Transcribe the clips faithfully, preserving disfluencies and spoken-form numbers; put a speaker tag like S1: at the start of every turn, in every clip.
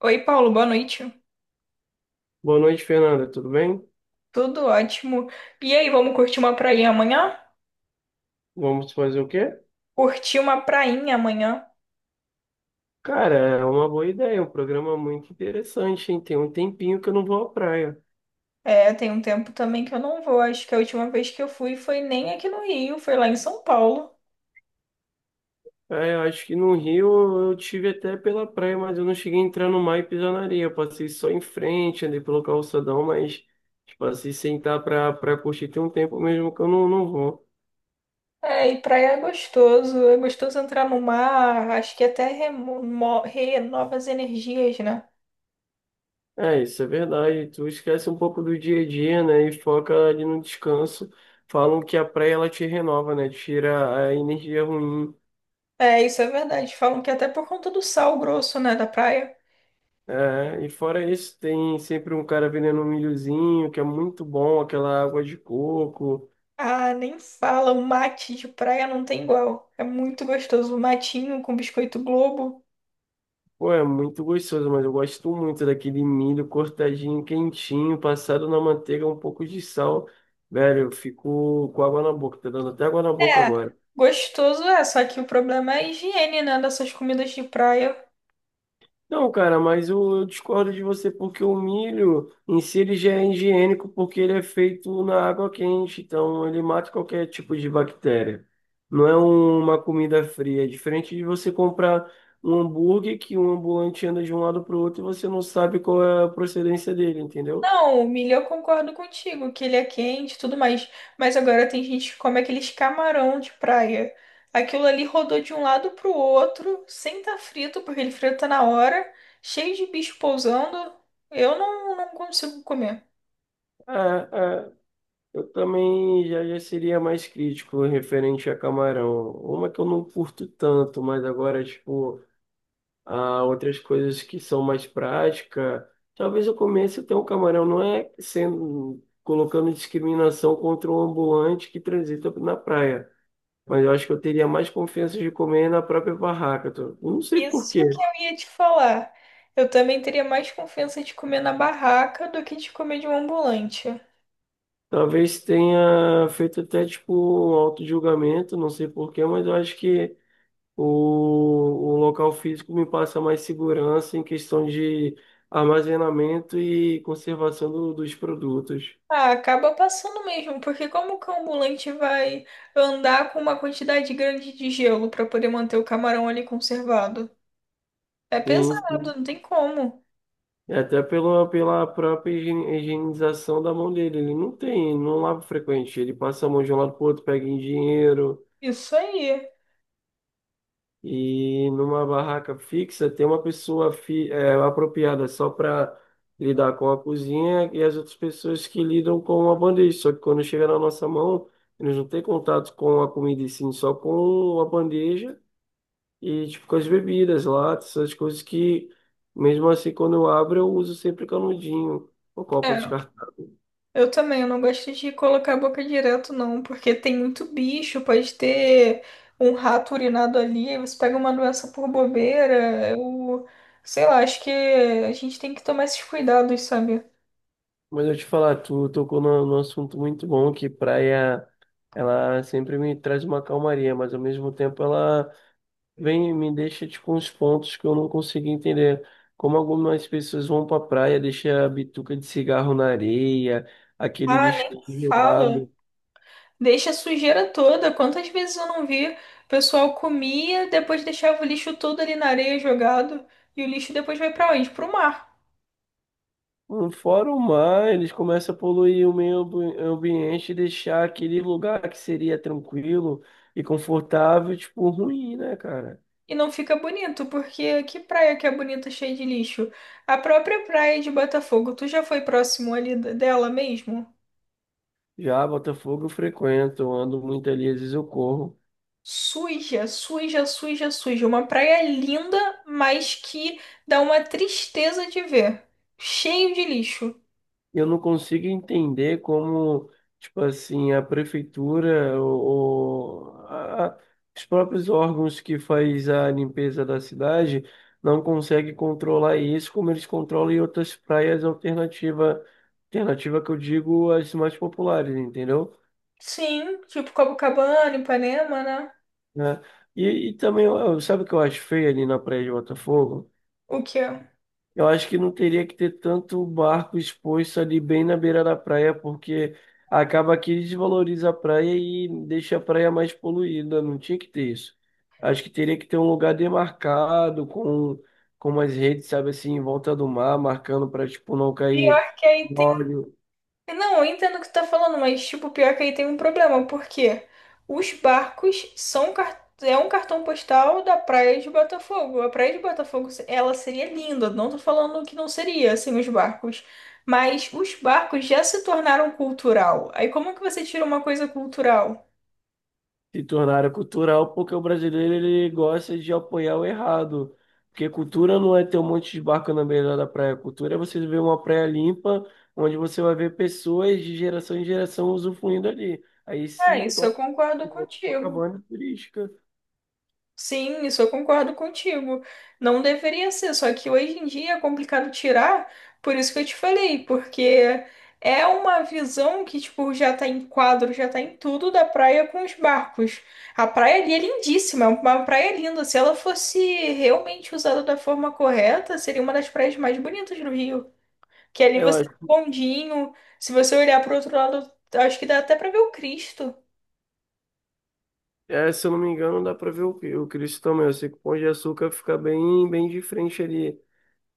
S1: Oi, Paulo, boa noite.
S2: Boa noite, Fernanda. Tudo bem?
S1: Tudo ótimo. E aí, vamos curtir uma prainha amanhã?
S2: Vamos fazer o quê?
S1: Curtir uma prainha amanhã.
S2: Cara, é uma boa ideia, é um programa muito interessante, hein? Tem um tempinho que eu não vou à praia.
S1: É, tem um tempo também que eu não vou. Acho que a última vez que eu fui foi nem aqui no Rio, foi lá em São Paulo.
S2: É, eu acho que no Rio eu tive até pela praia, mas eu não cheguei a entrar no mar e pisar na areia. Eu passei só em frente, andei pelo calçadão, mas tipo, assim, sentar pra, pra curtir tem um tempo mesmo que eu não, não vou.
S1: É, e praia é gostoso. É gostoso entrar no mar. Acho que até remo- mo- renova as energias, né?
S2: É, isso é verdade. Tu esquece um pouco do dia a dia, né? E foca ali no descanso. Falam que a praia ela te renova, né? Tira a energia ruim.
S1: É, isso é verdade. Falam que até por conta do sal grosso, né, da praia.
S2: É, e fora isso, tem sempre um cara vendendo um milhozinho, que é muito bom, aquela água de coco.
S1: Ah, nem fala. O mate de praia não tem igual. É muito gostoso. O matinho com biscoito Globo.
S2: Pô, é muito gostoso, mas eu gosto muito daquele milho cortadinho, quentinho, passado na manteiga, um pouco de sal. Velho, eu fico com água na boca, tá dando até água na boca
S1: É,
S2: agora.
S1: gostoso é, só que o problema é a higiene, né, dessas comidas de praia.
S2: Não, cara, mas eu, eu discordo de você porque o milho em si ele já é higiênico porque ele é feito na água quente, então ele mata qualquer tipo de bactéria. Não é uma comida fria, é diferente de você comprar um hambúrguer que um ambulante anda de um lado para o outro e você não sabe qual é a procedência dele, entendeu?
S1: Não, o milho eu concordo contigo, que ele é quente e tudo mais. Mas agora tem gente que come aqueles camarão de praia. Aquilo ali rodou de um lado pro outro, sem estar frito, porque ele frita na hora, cheio de bicho pousando. Eu não, não consigo comer.
S2: É, é, eu também já, já seria mais crítico referente a camarão. Uma que eu não curto tanto, mas agora, tipo, a outras coisas que são mais prática. Talvez eu comece a ter um camarão, não é sendo colocando discriminação contra o ambulante que transita na praia, mas eu acho que eu teria mais confiança de comer na própria barraca. tô- eu não sei por
S1: Isso que
S2: quê.
S1: eu ia te falar. Eu também teria mais confiança de comer na barraca do que de comer de um ambulante.
S2: Talvez tenha feito até tipo um auto-julgamento, não sei por quê, mas eu acho que o, o local físico me passa mais segurança em questão de armazenamento e conservação do- dos produtos.
S1: Ah, acaba passando mesmo, porque como que o ambulante vai andar com uma quantidade grande de gelo para poder manter o camarão ali conservado? É
S2: Sim,
S1: pesado,
S2: sim.
S1: não tem como.
S2: É. Até pela, pela própria higiene- higienização da mão dele. Ele não tem, não lava frequente. Ele passa a mão de um lado pro outro, pega em dinheiro.
S1: Isso aí.
S2: E numa barraca fixa, tem uma pessoa fi, é, apropriada só para lidar com a cozinha e as outras pessoas que lidam com a bandeja. Só que quando chega na nossa mão, eles não têm contato com a comida, e sim só com a bandeja e tipo com as bebidas, latas, essas coisas que, mesmo assim, quando eu abro, eu uso sempre canudinho, o copo de...
S1: É, eu também, eu não gosto de colocar a boca direto, não, porque tem muito bicho, pode ter um rato urinado ali, você pega uma doença por bobeira, eu sei lá, acho que a gente tem que tomar esses cuidados, sabe?
S2: Mas eu te falar, tu tocou num num assunto muito bom, que praia, ela sempre me traz uma calmaria, mas ao mesmo tempo ela vem e me deixa, tipo, uns pontos que eu não consigo entender. Como algumas pessoas vão pra praia, deixa a bituca de cigarro na areia, aquele
S1: Ah,
S2: lixo
S1: nem fala.
S2: jogado.
S1: Deixa a sujeira toda. Quantas vezes eu não vi? O pessoal comia, depois deixava o lixo todo ali na areia jogado. E o lixo depois vai pra onde? Pro mar.
S2: Hum, Fora o mar, eles começam a poluir o meio ambi- ambiente e deixar aquele lugar que seria tranquilo e confortável, tipo, ruim, né, cara?
S1: E não fica bonito, porque que praia que é bonita cheia de lixo? A própria praia de Botafogo, tu já foi próximo ali d- dela mesmo?
S2: Já Botafogo eu frequento, eu ando muito ali, às vezes eu corro.
S1: Suja, suja, suja, suja. Uma praia linda, mas que dá uma tristeza de ver. Cheio de lixo.
S2: E eu não consigo entender como, tipo assim, a prefeitura ou, ou a- a- os próprios órgãos que faz a limpeza da cidade não conseguem controlar isso como eles controlam em outras praias alternativa, alternativa que eu digo as mais populares, entendeu?
S1: Sim, tipo Copacabana, Ipanema, né?
S2: Né? E, e também, eu- eu- sabe o que eu acho feio ali na praia de Botafogo?
S1: O quê?
S2: Eu acho que não teria que ter tanto barco exposto ali bem na beira da praia, porque acaba que desvaloriza a praia e deixa a praia mais poluída. Não tinha que ter isso. Acho que teria que ter um lugar demarcado com, com umas redes, sabe assim, em volta do mar, marcando para tipo não
S1: Pior
S2: cair
S1: que aí tem.
S2: óleo.
S1: Não, eu entendo o que tu tá falando, mas, tipo, pior que aí tem um problema, porque os barcos são. Car- É um cartão postal da Praia de Botafogo. A Praia de Botafogo, ela seria linda, não tô falando que não seria, assim, os barcos. Mas os barcos já se tornaram cultural. Aí como que você tira uma coisa cultural?
S2: Se tornaram cultural porque o brasileiro ele gosta de apoiar o errado. Porque cultura não é ter um monte de barco na beira da praia. Cultura é você ver uma praia limpa, onde você vai ver pessoas de geração em geração usufruindo ali. Aí
S1: Ah,
S2: se
S1: isso
S2: torna
S1: eu concordo
S2: igual
S1: contigo.
S2: Copacabana turística.
S1: Sim, isso eu concordo contigo. Não deveria ser, só que hoje em dia é complicado tirar, por isso que eu te falei, porque é uma visão que, tipo, já tá em quadro, já tá em tudo da praia com os barcos. A praia ali é lindíssima, é uma praia linda. Se ela fosse realmente usada da forma correta, seria uma das praias mais bonitas do Rio. Que ali
S2: Eu
S1: você tem um
S2: acho.
S1: bondinho, se você olhar pro outro lado, acho que dá até pra ver o Cristo.
S2: É, se eu não me engano, dá pra ver o, o Cristo também. Eu sei que o Pão de Açúcar fica bem, bem de frente ali.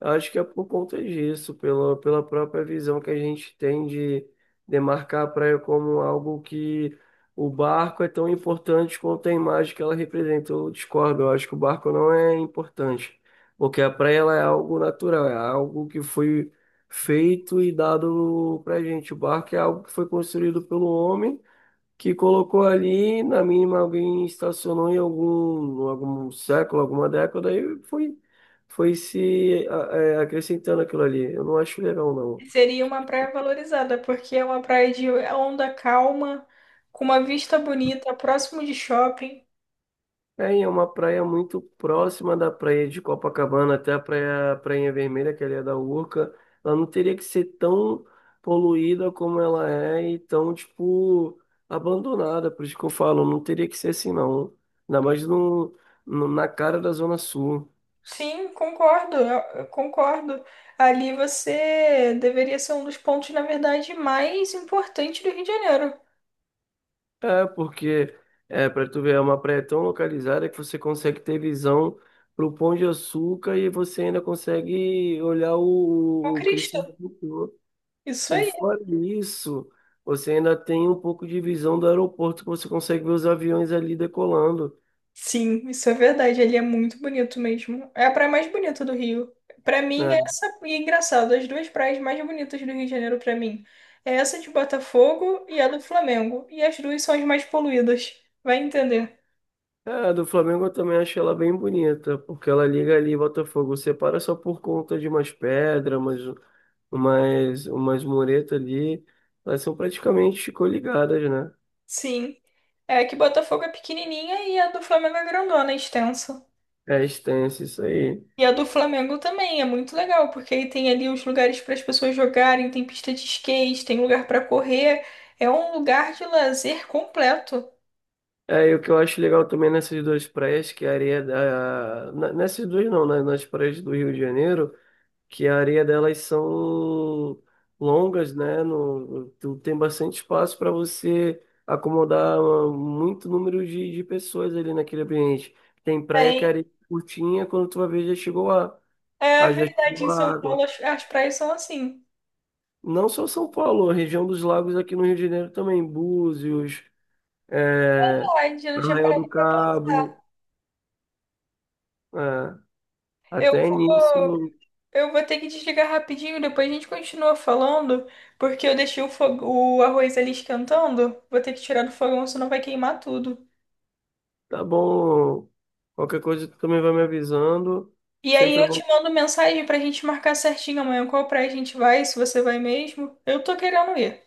S2: Eu acho que é por conta disso, pela, pela própria visão que a gente tem de demarcar a praia como algo que o barco é tão importante quanto a imagem que ela representa. Eu discordo, eu acho que o barco não é importante, porque a praia ela é algo natural, é algo que foi feito e dado pra gente. O barco é algo que foi construído pelo homem que colocou ali, na mínima alguém estacionou em algum, algum século, alguma década, e foi, foi se a- é, acrescentando aquilo ali. Eu não acho legal, não.
S1: Seria uma praia valorizada, porque é uma praia de onda calma, com uma vista bonita, próximo de shopping.
S2: É, e é uma praia muito próxima da praia de Copacabana até a praia, Prainha Vermelha, que ali é da Urca. Ela não teria que ser tão poluída como ela é e tão, tipo, abandonada. Por isso que eu falo, não teria que ser assim, não. Ainda mais no, no- na cara da Zona Sul.
S1: Sim, concordo, eu- eu concordo. Ali você deveria ser um dos pontos, na verdade, mais importantes do Rio de Janeiro.
S2: É, porque é, para tu ver, é uma praia tão localizada que você consegue ter visão pro Pão de Açúcar e você ainda consegue olhar
S1: O
S2: o, o
S1: Cristo.
S2: crescimento do Cristo Redentor.
S1: Isso
S2: E
S1: aí.
S2: fora isso, você ainda tem um pouco de visão do aeroporto que você consegue ver os aviões ali decolando,
S1: Sim, isso é verdade. Ele é muito bonito mesmo. É a praia mais bonita do Rio. Pra mim, é
S2: né?
S1: essa e é engraçado, as duas praias mais bonitas do Rio de Janeiro pra mim é essa de Botafogo e a do Flamengo. E as duas são as mais poluídas. Vai entender.
S2: É, a do Flamengo eu também achei ela bem bonita, porque ela liga ali Botafogo, separa só por conta de umas pedras, umas, umas, umas muretas ali, elas são praticamente coligadas, né?
S1: Sim, é que Botafogo é pequenininha e a do Flamengo é grandona, é extensa.
S2: É extenso isso aí.
S1: E a do Flamengo também é muito legal, porque aí tem ali os lugares para as pessoas jogarem, tem pista de skate, tem lugar para correr. É um lugar de lazer completo.
S2: É, e o que eu acho legal também nessas duas praias, que a areia da... na- nessas duas não, né? Nas praias do Rio de Janeiro, que a areia delas são longas, né? No... tu Tem bastante espaço para você acomodar, ah, muito número de, de pessoas ali naquele ambiente. Tem praia que a
S1: É,
S2: areia é curtinha, quando tu vai ver já chegou a...
S1: É
S2: a- já
S1: verdade, em
S2: chegou a
S1: São Paulo
S2: água.
S1: as as praias são assim.
S2: Não só São Paulo, a região dos lagos aqui no Rio de Janeiro também, Búzios, é,
S1: Verdade, eu não tinha
S2: Arraial
S1: parado
S2: do
S1: pra
S2: Cabo,
S1: pensar.
S2: é,
S1: Eu
S2: até nisso...
S1: vou, eu vou ter que desligar rapidinho, depois a gente continua falando, porque eu deixei o, fo- o arroz ali esquentando. Vou ter que tirar do fogão, senão vai queimar tudo.
S2: Tá bom. Qualquer coisa tu também vai me avisando.
S1: E aí
S2: Sempre
S1: eu te
S2: vou.
S1: mando mensagem pra gente marcar certinho amanhã qual praia a gente vai, se você vai mesmo. Eu tô querendo ir.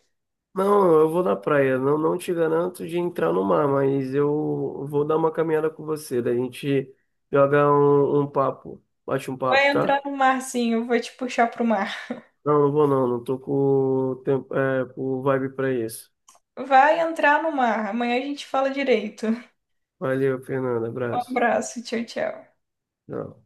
S2: Não, eu vou na praia. Não, não te garanto de entrar no mar, mas eu vou dar uma caminhada com você. Daí a gente joga um, um papo, bate um
S1: Vai
S2: papo, tá?
S1: entrar no mar, sim, eu vou te puxar pro mar.
S2: Não, não vou não. Não tô com tempo, é, com vibe pra isso.
S1: Vai entrar no mar. Amanhã a gente fala direito.
S2: Valeu, Fernanda.
S1: Um
S2: Abraço.
S1: abraço, tchau, tchau.
S2: Tchau.